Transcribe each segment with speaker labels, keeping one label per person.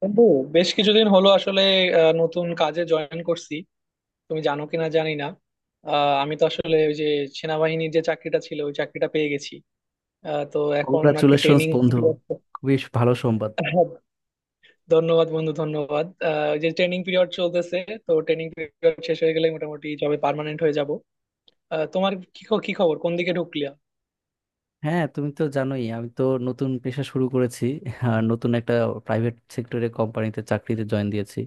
Speaker 1: বন্ধু, বেশ কিছুদিন হলো আসলে নতুন কাজে জয়েন করছি। তুমি জানো কিনা জানি না। আমি তো আসলে ওই যে সেনাবাহিনীর যে চাকরিটা ছিল ওই চাকরিটা পেয়ে গেছি। তো এখন আর কি
Speaker 2: কংগ্রাচুলেশনস
Speaker 1: ট্রেনিং
Speaker 2: বন্ধু।
Speaker 1: পিরিয়ড।
Speaker 2: খুবই ভালো সংবাদ।
Speaker 1: ধন্যবাদ বন্ধু, ধন্যবাদ। ওই যে ট্রেনিং পিরিয়ড চলতেছে, তো ট্রেনিং পিরিয়ড শেষ হয়ে গেলে মোটামুটি জবে পার্মানেন্ট হয়ে যাব। তোমার কি কি খবর, কোন দিকে ঢুকলিয়া?
Speaker 2: হ্যাঁ, তুমি তো জানোই, আমি তো নতুন পেশা শুরু করেছি। আর নতুন একটা প্রাইভেট সেক্টরে কোম্পানিতে চাকরিতে জয়েন দিয়েছি।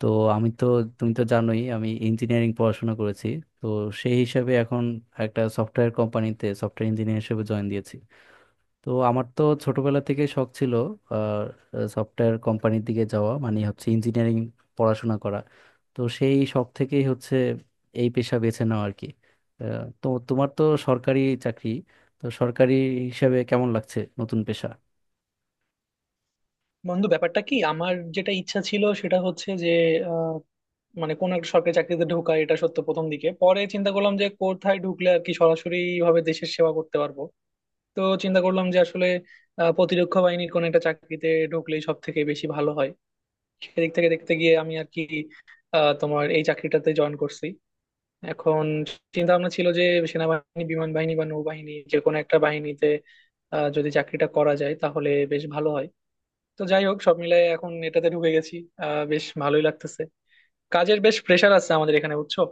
Speaker 2: তো আমি তো তুমি তো জানোই আমি ইঞ্জিনিয়ারিং পড়াশোনা করেছি। তো সেই হিসাবে এখন একটা সফটওয়্যার কোম্পানিতে সফটওয়্যার ইঞ্জিনিয়ার হিসেবে জয়েন দিয়েছি। তো আমার তো ছোটবেলা থেকে শখ ছিল সফটওয়্যার কোম্পানির দিকে যাওয়া, মানে হচ্ছে ইঞ্জিনিয়ারিং পড়াশোনা করা। তো সেই শখ থেকেই হচ্ছে এই পেশা বেছে নেওয়া আর কি। তো তোমার তো সরকারি চাকরি, তো সরকারি হিসাবে কেমন লাগছে নতুন পেশা?
Speaker 1: বন্ধু, ব্যাপারটা কি, আমার যেটা ইচ্ছা ছিল সেটা হচ্ছে যে মানে কোন একটা সরকারি চাকরিতে ঢোকা, এটা সত্য প্রথম দিকে। পরে চিন্তা করলাম যে কোথায় ঢুকলে আর কি সরাসরি ভাবে দেশের সেবা করতে পারবো। তো চিন্তা করলাম যে আসলে প্রতিরক্ষা বাহিনীর কোন একটা চাকরিতে ঢুকলেই সব থেকে বেশি ভালো হয়। সেদিক থেকে দেখতে গিয়ে আমি আর কি তোমার এই চাকরিটাতে জয়েন করছি। এখন চিন্তা ভাবনা ছিল যে সেনাবাহিনী, বিমান বাহিনী বা নৌবাহিনী, যে কোনো একটা বাহিনীতে যদি চাকরিটা করা যায় তাহলে বেশ ভালো হয়। তো যাই হোক, সব মিলাই এখন এটাতে ঢুকে গেছি। বেশ ভালোই লাগতেছে। কাজের বেশ প্রেশার আছে আমাদের এখানে, বুঝছো।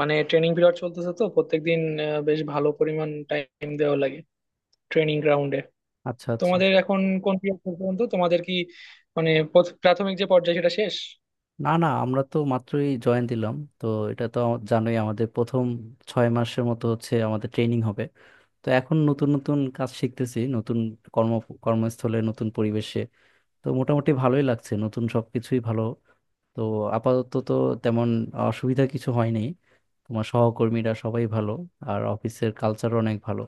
Speaker 1: মানে ট্রেনিং পিরিয়ড চলতেছে তো প্রত্যেকদিন বেশ ভালো পরিমাণ টাইম দেওয়া লাগে ট্রেনিং গ্রাউন্ডে।
Speaker 2: আচ্ছা আচ্ছা।
Speaker 1: তোমাদের এখন কোন পিরিয়ড পর্যন্ত, তোমাদের কি মানে প্রাথমিক যে পর্যায়ে সেটা শেষ?
Speaker 2: না না, আমরা তো মাত্রই জয়েন দিলাম তো। এটা তো জানোই আমাদের প্রথম 6 মাসের মতো হচ্ছে আমাদের ট্রেনিং হবে। তো এখন নতুন নতুন কাজ শিখতেছি নতুন কর্ম কর্মস্থলে, নতুন পরিবেশে। তো মোটামুটি ভালোই লাগছে, নতুন সবকিছুই ভালো। তো আপাতত তো তেমন অসুবিধা কিছু হয়নি। তোমার সহকর্মীরা সবাই ভালো, আর অফিসের কালচার অনেক ভালো।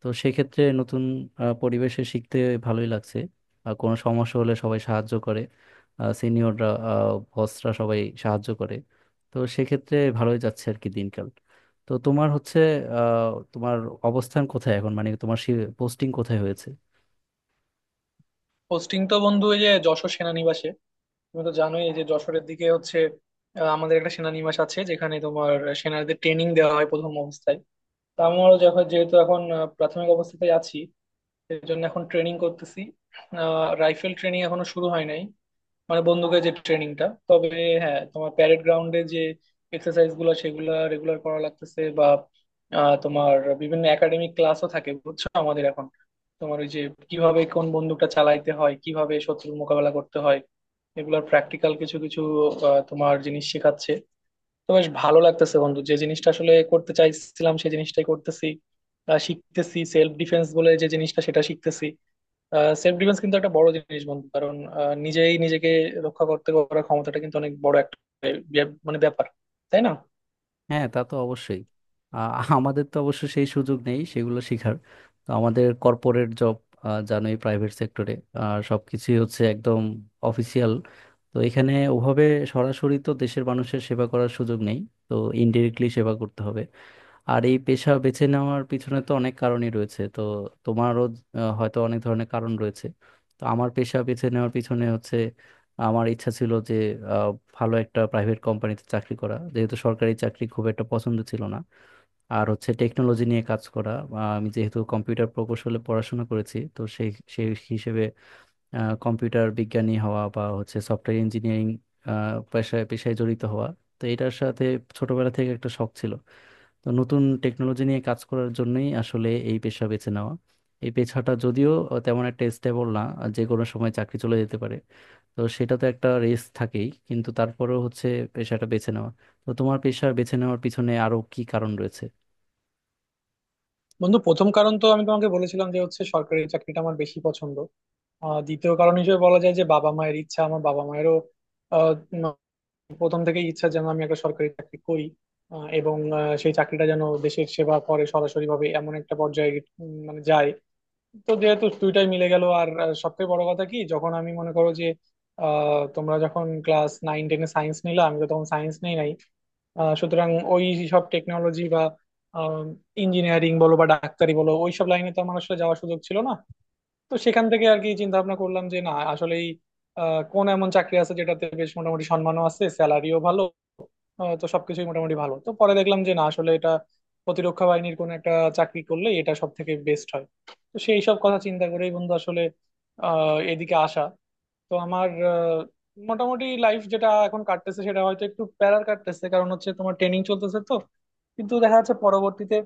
Speaker 2: তো সেক্ষেত্রে নতুন পরিবেশে শিখতে ভালোই লাগছে। আর কোনো সমস্যা হলে সবাই সাহায্য করে, সিনিয়ররা, বসরা সবাই সাহায্য করে। তো সেক্ষেত্রে ভালোই যাচ্ছে আর কি দিনকাল। তো তোমার অবস্থান কোথায় এখন, মানে তোমার পোস্টিং কোথায় হয়েছে?
Speaker 1: পোস্টিং তো বন্ধু এই যে যশোর সেনানিবাসে। তুমি তো জানোই, এই যে যশোরের দিকে হচ্ছে আমাদের একটা সেনানিবাস আছে যেখানে তোমার সেনাদের ট্রেনিং দেওয়া হয় প্রথম অবস্থায়। তো আমারও যখন যেহেতু এখন প্রাথমিক অবস্থাতেই আছি, এর জন্য এখন ট্রেনিং করতেছি। রাইফেল ট্রেনিং এখনো শুরু হয় নাই, মানে বন্দুকের যে ট্রেনিংটা। তবে হ্যাঁ, তোমার প্যারেড গ্রাউন্ডে যে এক্সারসাইজ গুলো সেগুলো রেগুলার করা লাগতেছে, বা তোমার বিভিন্ন একাডেমিক ক্লাসও থাকে, বুঝছো, আমাদের এখন। তোমার ওই যে কিভাবে কোন বন্দুকটা চালাইতে হয়, কিভাবে শত্রুর মোকাবেলা করতে হয়, এগুলোর প্র্যাকটিক্যাল কিছু কিছু তোমার জিনিস শেখাচ্ছে। তো বেশ ভালো লাগতেছে বন্ধু, যে জিনিসটা আসলে করতে চাইছিলাম সেই জিনিসটাই করতেছি। শিখতেছি সেলফ ডিফেন্স বলে যে জিনিসটা সেটা শিখতেছি। সেলফ ডিফেন্স কিন্তু একটা বড় জিনিস বন্ধু, কারণ নিজেই নিজেকে রক্ষা করতে করার ক্ষমতাটা কিন্তু অনেক বড় একটা মানে ব্যাপার, তাই না?
Speaker 2: হ্যাঁ, তা তো অবশ্যই। আ- আমাদের তো অবশ্য সেই সুযোগ নেই সেগুলো শেখার। তো আমাদের কর্পোরেট জব, জানোই প্রাইভেট সেক্টরে সব কিছুই হচ্ছে একদম অফিসিয়াল। তো এখানে ওভাবে সরাসরি তো দেশের মানুষের সেবা করার সুযোগ নেই। তো ইনডিরেক্টলি সেবা করতে হবে। আর এই পেশা বেছে নেওয়ার পিছনে তো অনেক কারণই রয়েছে। তো তোমারও হয়তো অনেক ধরনের কারণ রয়েছে। তো আমার পেশা বেছে নেওয়ার পিছনে হচ্ছে, আমার ইচ্ছা ছিল যে আহ, ভালো একটা প্রাইভেট কোম্পানিতে চাকরি করা, যেহেতু সরকারি চাকরি খুব একটা পছন্দ ছিল না। আর হচ্ছে টেকনোলজি নিয়ে কাজ করা। আমি যেহেতু কম্পিউটার প্রকৌশলে পড়াশোনা করেছি, তো সেই সেই হিসেবে কম্পিউটার বিজ্ঞানী হওয়া বা হচ্ছে সফটওয়্যার ইঞ্জিনিয়ারিং পেশায় পেশায় জড়িত হওয়া। তো এটার সাথে ছোটবেলা থেকে একটা শখ ছিল। তো নতুন টেকনোলজি নিয়ে কাজ করার জন্যই আসলে এই পেশা বেছে নেওয়া। এই পেশাটা যদিও তেমন একটা স্টেবল না, যে কোনো সময় চাকরি চলে যেতে পারে। তো সেটা তো একটা রিস্ক থাকেই, কিন্তু তারপরেও হচ্ছে পেশাটা বেছে নেওয়া। তো তোমার পেশা বেছে নেওয়ার পিছনে আরো কি কারণ রয়েছে?
Speaker 1: বন্ধু, প্রথম কারণ তো আমি তোমাকে বলেছিলাম যে হচ্ছে সরকারি চাকরিটা আমার বেশি পছন্দ। দ্বিতীয় কারণ হিসেবে বলা যায় যে বাবা মায়ের ইচ্ছা। আমার বাবা মায়েরও আহ, উম, প্রথম থেকেই ইচ্ছা যেন আমি একটা সরকারি চাকরি করি, এবং সেই চাকরিটা যেন দেশের সেবা করে সরাসরি ভাবে এমন একটা পর্যায়ে মানে যায়। তো যেহেতু দুইটাই মিলে গেল। আর সবথেকে বড় কথা কি, যখন আমি মনে করো যে তোমরা যখন ক্লাস নাইন টেনে সায়েন্স নিলাম, আমি তো তখন সায়েন্স নেই নাই। সুতরাং ওই সব টেকনোলজি বা ইঞ্জিনিয়ারিং বলো বা ডাক্তারি বলো, ওই সব লাইনে তো আমার আসলে যাওয়ার সুযোগ ছিল না। তো সেখান থেকে আর কি চিন্তা ভাবনা করলাম যে না, আসলেই কোন এমন চাকরি আছে যেটাতে বেশ মোটামুটি সম্মানও আছে, স্যালারিও ভালো। তো সবকিছুই মোটামুটি ভালো। তো পরে দেখলাম যে না, আসলে এটা প্রতিরক্ষা বাহিনীর কোন একটা চাকরি করলে এটা সব থেকে বেস্ট হয়। তো সেই সব কথা চিন্তা করেই বন্ধু, আসলে এদিকে আসা। তো আমার মোটামুটি লাইফ যেটা এখন কাটতেছে সেটা হয়তো একটু প্যারার কাটতেছে, কারণ হচ্ছে তোমার ট্রেনিং চলতেছে তো। কিন্তু দেখা যাচ্ছে পরবর্তীতে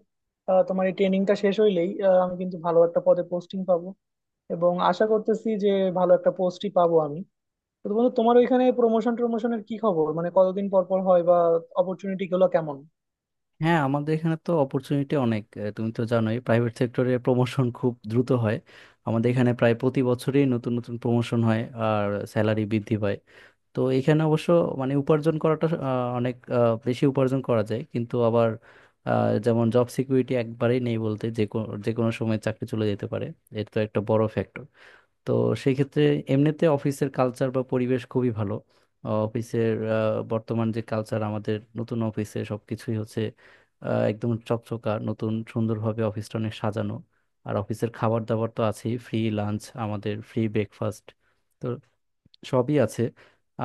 Speaker 1: তোমার এই ট্রেনিংটা শেষ হইলেই আমি কিন্তু ভালো একটা পদে পোস্টিং পাবো। এবং আশা করতেছি যে ভালো একটা পোস্টই পাবো আমি। তো বন্ধু, তোমার ওইখানে প্রমোশন টমোশনের কি খবর, মানে কতদিন পর পর হয়, বা অপরচুনিটি গুলো কেমন?
Speaker 2: হ্যাঁ, আমাদের এখানে তো অপরচুনিটি অনেক। তুমি তো জানোই প্রাইভেট সেক্টরে প্রমোশন খুব দ্রুত হয়। আমাদের এখানে প্রায় প্রতি বছরই নতুন নতুন প্রমোশন হয়, আর স্যালারি বৃদ্ধি পায়। তো এখানে অবশ্য মানে উপার্জন করাটা অনেক বেশি উপার্জন করা যায়, কিন্তু আবার যেমন জব সিকিউরিটি একবারেই নেই বলতে, যে কোনো সময় চাকরি চলে যেতে পারে। এটা তো একটা বড় ফ্যাক্টর। তো সেই ক্ষেত্রে এমনিতে অফিসের কালচার বা পরিবেশ খুবই ভালো। আহ, অফিসের আহ, বর্তমান যে কালচার আমাদের নতুন অফিসে, সব কিছুই হচ্ছে একদম চকচকা নতুন, সুন্দরভাবে অফিসটা অনেক সাজানো। আর অফিসের খাবার দাবার তো আছেই, ফ্রি লাঞ্চ আমাদের, ফ্রি ব্রেকফাস্ট, সবই আছে।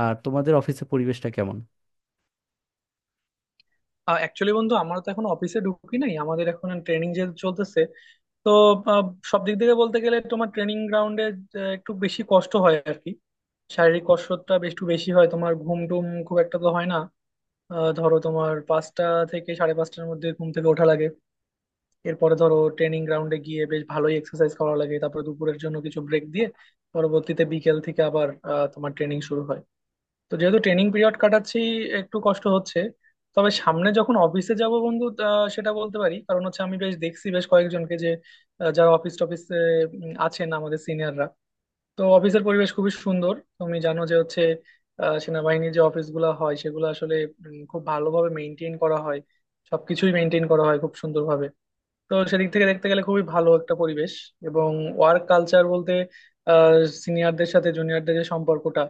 Speaker 2: আর তোমাদের অফিসে পরিবেশটা কেমন?
Speaker 1: অ্যাকচুয়ালি বন্ধু, আমরা তো এখন অফিসে ঢুকি নাই, আমাদের এখন ট্রেনিং যে চলতেছে। তো আহ, সব দিক থেকে বলতে গেলে তোমার ট্রেনিং গ্রাউন্ডে একটু বেশি কষ্ট হয় আর কি। শারীরিক কষ্টটা বেশ একটু বেশি হয়, তোমার ঘুম টুম খুব একটা তো হয় না। ধরো তোমার পাঁচটা থেকে সাড়ে পাঁচটার মধ্যে ঘুম থেকে ওঠা লাগে। এরপরে ধরো ট্রেনিং গ্রাউন্ডে গিয়ে বেশ ভালোই এক্সারসাইজ করা লাগে, তারপরে দুপুরের জন্য কিছু ব্রেক দিয়ে পরবর্তীতে বিকেল থেকে আবার তোমার ট্রেনিং শুরু হয়। তো যেহেতু ট্রেনিং পিরিয়ড কাটাচ্ছি, একটু কষ্ট হচ্ছে। তবে সামনে যখন অফিসে যাব বন্ধু, সেটা বলতে পারি, কারণ হচ্ছে আমি বেশ দেখছি বেশ কয়েকজনকে যে যারা অফিস টফিসে আছেন, আমাদের সিনিয়ররা। তো অফিসের পরিবেশ খুবই সুন্দর, তুমি জানো যে হচ্ছে সেনাবাহিনীর যে অফিসগুলো হয় সেগুলো আসলে খুব ভালোভাবে মেনটেন করা হয়। সবকিছুই মেনটেন করা হয় খুব সুন্দরভাবে। তো সেদিক থেকে দেখতে গেলে খুবই ভালো একটা পরিবেশ। এবং ওয়ার্ক কালচার বলতে আহ সিনিয়রদের সাথে জুনিয়রদের যে সম্পর্কটা,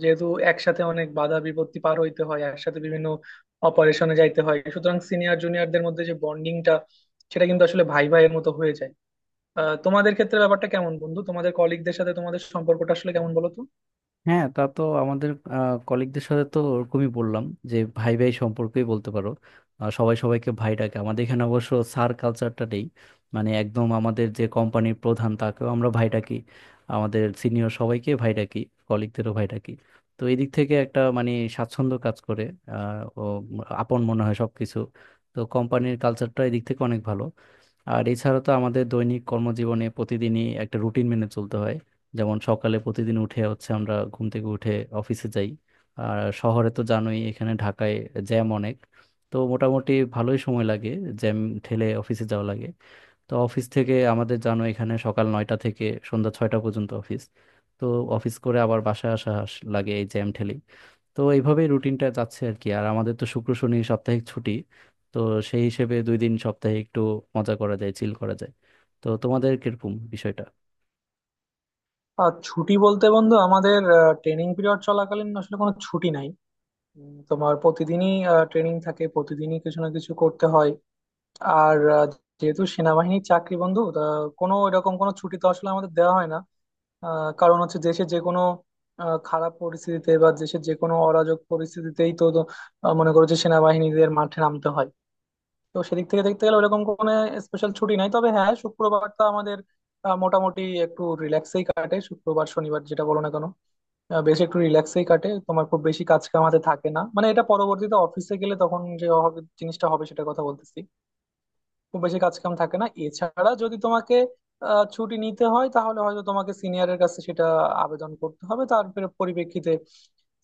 Speaker 1: যেহেতু একসাথে অনেক বাধা বিপত্তি পার হইতে হয়, একসাথে বিভিন্ন অপারেশনে যাইতে হয়, সুতরাং সিনিয়র জুনিয়রদের মধ্যে যে বন্ডিংটা, সেটা কিন্তু আসলে ভাই ভাইয়ের মতো হয়ে যায়। তোমাদের ক্ষেত্রে ব্যাপারটা কেমন বন্ধু, তোমাদের কলিগদের সাথে তোমাদের সম্পর্কটা আসলে কেমন বলো তো?
Speaker 2: হ্যাঁ, তা তো আমাদের কলিগদের সাথে তো ওরকমই বললাম, যে ভাই ভাই সম্পর্কেই বলতে পারো। সবাই সবাইকে ভাই ডাকে আমাদের এখানে, অবশ্য স্যার কালচারটা নেই। মানে একদম আমাদের যে কোম্পানির প্রধান, তাকেও আমরা ভাই ডাকি। আমাদের সিনিয়র সবাইকে ভাই ডাকি, কলিগদেরও ভাই ডাকি। তো এই দিক থেকে একটা মানে স্বাচ্ছন্দ্য কাজ করে। আহ, ও আপন মনে হয় সবকিছু। তো কোম্পানির কালচারটা এই দিক থেকে অনেক ভালো। আর এছাড়া তো আমাদের দৈনিক কর্মজীবনে প্রতিদিনই একটা রুটিন মেনে চলতে হয়। যেমন সকালে প্রতিদিন উঠে হচ্ছে আমরা ঘুম থেকে উঠে অফিসে যাই। আর শহরে তো জানোই এখানে ঢাকায় জ্যাম অনেক। তো মোটামুটি ভালোই সময় লাগে, জ্যাম ঠেলে অফিসে যাওয়া লাগে। তো অফিস থেকে আমাদের জানো এখানে সকাল 9টা থেকে সন্ধ্যা 6টা পর্যন্ত অফিস। তো অফিস করে আবার বাসায় আসা লাগে এই জ্যাম ঠেলেই। তো এইভাবেই রুটিনটা যাচ্ছে আর কি। আর আমাদের তো শুক্র শনি সাপ্তাহিক ছুটি। তো সেই হিসেবে 2 দিন সপ্তাহে একটু মজা করা যায়, চিল করা যায়। তো তোমাদের কিরকম বিষয়টা?
Speaker 1: আর ছুটি বলতে বন্ধু, আমাদের ট্রেনিং পিরিয়ড চলাকালীন আসলে কোনো ছুটি নাই। তোমার প্রতিদিনই ট্রেনিং থাকে, প্রতিদিনই কিছু না কিছু করতে হয়। আর যেহেতু সেনাবাহিনীর চাকরি বন্ধু, তা কোনো এরকম কোনো ছুটি তো আসলে আমাদের দেওয়া হয় না। কারণ হচ্ছে দেশে যে কোনো খারাপ পরিস্থিতিতে বা দেশের যে কোনো অরাজক পরিস্থিতিতেই তো তো, মনে করো যে সেনাবাহিনীদের মাঠে নামতে হয়। তো সেদিক থেকে দেখতে গেলে ওরকম কোনো স্পেশাল ছুটি নাই। তবে হ্যাঁ, শুক্রবারটা আমাদের মোটামুটি একটু রিল্যাক্সেই কাটে, শুক্রবার শনিবার যেটা বলো না কেন বেশ একটু রিল্যাক্সেই কাটে। তোমার খুব বেশি কাজ কামাতে থাকে না, মানে এটা পরবর্তীতে অফিসে গেলে তখন যে জিনিসটা হবে সেটা কথা বলতেছি। খুব বেশি কাজ কাম থাকে না। এছাড়া যদি তোমাকে ছুটি নিতে হয় তাহলে হয়তো তোমাকে সিনিয়রের কাছে সেটা আবেদন করতে হবে। তার পরিপ্রেক্ষিতে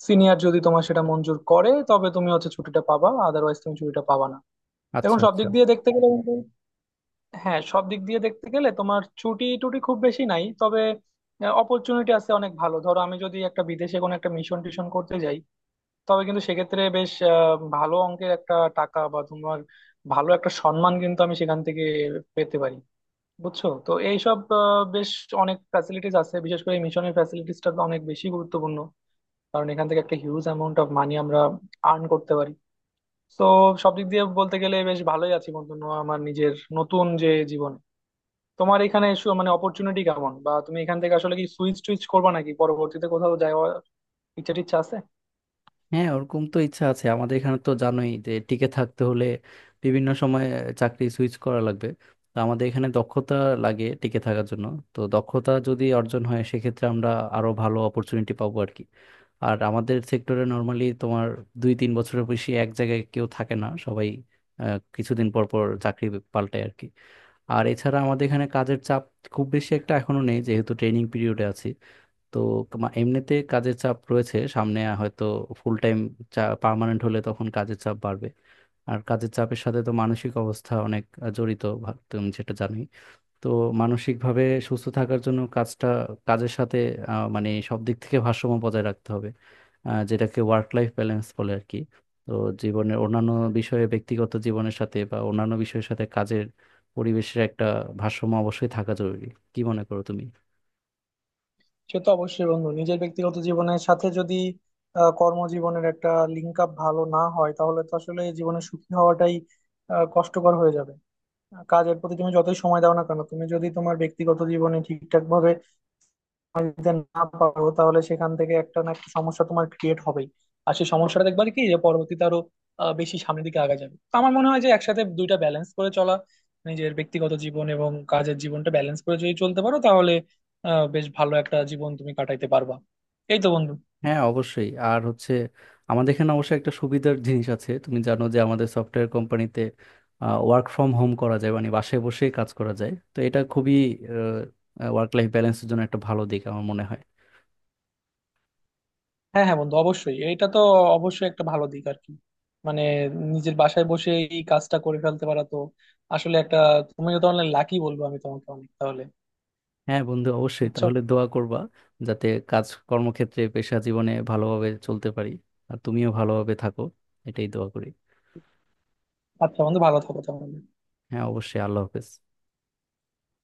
Speaker 1: সিনিয়র যদি তোমার সেটা মঞ্জুর করে তবে তুমি হচ্ছে ছুটিটা পাবা, আদারওয়াইজ তুমি ছুটিটা পাবা না।
Speaker 2: আচ্ছা
Speaker 1: এখন সব
Speaker 2: আচ্ছা।
Speaker 1: দিক দিয়ে দেখতে গেলে কিন্তু, হ্যাঁ সব দিক দিয়ে দেখতে গেলে তোমার ছুটি টুটি খুব বেশি নাই। তবে অপরচুনিটি আছে অনেক ভালো। ধরো আমি যদি একটা বিদেশে কোনো একটা মিশন টিশন করতে যাই, তবে কিন্তু সেক্ষেত্রে বেশ ভালো অঙ্কের একটা টাকা বা তোমার ভালো একটা সম্মান কিন্তু আমি সেখান থেকে পেতে পারি। বুঝছো। তো এইসব বেশ অনেক ফ্যাসিলিটিস আছে, বিশেষ করে মিশনের ফ্যাসিলিটিসটা তো অনেক বেশি গুরুত্বপূর্ণ, কারণ এখান থেকে একটা হিউজ অ্যামাউন্ট অফ মানি আমরা আর্ন করতে পারি। তো সব দিক দিয়ে বলতে গেলে বেশ ভালোই আছি বন্ধু, আমার নিজের নতুন যে জীবন। তোমার এখানে মানে অপরচুনিটি কেমন, বা তুমি এখান থেকে আসলে কি সুইচ টুইচ করবা, নাকি পরবর্তীতে কোথাও যাওয়ার ইচ্ছা টিচ্ছা আছে?
Speaker 2: হ্যাঁ, ওরকম তো ইচ্ছা আছে। আমাদের এখানে তো জানোই যে টিকে থাকতে হলে বিভিন্ন সময় চাকরি সুইচ করা লাগবে। তো আমাদের এখানে দক্ষতা লাগে টিকে থাকার জন্য। তো দক্ষতা যদি অর্জন হয় সেক্ষেত্রে আমরা আরো ভালো অপরচুনিটি পাবো আর কি। আর আমাদের সেক্টরে নর্মালি তোমার 2-3 বছরের বেশি এক জায়গায় কেউ থাকে না, সবাই কিছুদিন পর পর চাকরি পাল্টায় আর কি। আর এছাড়া আমাদের এখানে কাজের চাপ খুব বেশি একটা এখনো নেই, যেহেতু ট্রেনিং পিরিয়ডে আছি। তো তোমার এমনিতে কাজের চাপ রয়েছে, সামনে হয়তো ফুল টাইম পার্মানেন্ট হলে তখন কাজের চাপ বাড়বে। আর কাজের চাপের সাথে তো মানসিক অবস্থা অনেক জড়িত, তুমি যেটা জানোই। তো মানসিকভাবে সুস্থ থাকার জন্য কাজের সাথে মানে সব দিক থেকে ভারসাম্য বজায় রাখতে হবে, যেটাকে ওয়ার্ক লাইফ ব্যালেন্স বলে আর কি। তো জীবনের অন্যান্য বিষয়ে, ব্যক্তিগত জীবনের সাথে বা অন্যান্য বিষয়ের সাথে কাজের পরিবেশের একটা ভারসাম্য অবশ্যই থাকা জরুরি। কি মনে করো তুমি?
Speaker 1: সে তো অবশ্যই বন্ধু। নিজের ব্যক্তিগত জীবনের সাথে যদি কর্মজীবনের একটা লিঙ্ক আপ ভালো না হয় তাহলে তো আসলে জীবনে সুখী হওয়াটাই কষ্টকর হয়ে যাবে। কাজের প্রতি তুমি যতই সময় দাও না কেন, তুমি যদি তোমার ব্যক্তিগত জীবনে ঠিকঠাক ভাবে যদি না পারো, তাহলে সেখান থেকে একটা না একটা সমস্যা তোমার ক্রিয়েট হবেই। আর সেই সমস্যাটা দেখবা কি, যে পরবর্তীতে আরো বেশি সামনের দিকে আগা যাবে। তো আমার মনে হয় যে একসাথে দুইটা ব্যালেন্স করে চলা, নিজের ব্যক্তিগত জীবন এবং কাজের জীবনটা ব্যালেন্স করে যদি চলতে পারো তাহলে বেশ ভালো একটা জীবন তুমি কাটাইতে পারবা। এই তো বন্ধু।
Speaker 2: হ্যাঁ, অবশ্যই। আর হচ্ছে আমাদের এখানে অবশ্য একটা সুবিধার জিনিস আছে, তুমি জানো যে আমাদের সফটওয়্যার কোম্পানিতে ওয়ার্ক ফ্রম হোম করা যায়, মানে বাসায় বসে কাজ করা যায়। তো এটা খুবই ওয়ার্ক লাইফ ব্যালেন্সের জন্য একটা ভালো দিক আমার মনে হয়।
Speaker 1: হ্যাঁ হ্যাঁ বন্ধু, অবশ্যই এটা তো অবশ্যই একটা ভালো দিক আর কি। মানে নিজের বাসায় বসে এই কাজটা করে ফেলতে পারা তো আসলে একটা। তুমিও তো অনলাইন, লাকি বলবো আমি তোমাকে অনেক তাহলে।
Speaker 2: হ্যাঁ বন্ধু, অবশ্যই,
Speaker 1: বুঝছো।
Speaker 2: তাহলে দোয়া করবা যাতে কাজ, কর্মক্ষেত্রে, পেশা জীবনে ভালোভাবে চলতে পারি। আর তুমিও ভালোভাবে থাকো, এটাই দোয়া করি।
Speaker 1: আচ্ছা বন্ধু, ভালো থাকো তাহলে।
Speaker 2: হ্যাঁ অবশ্যই, আল্লাহ হাফেজ।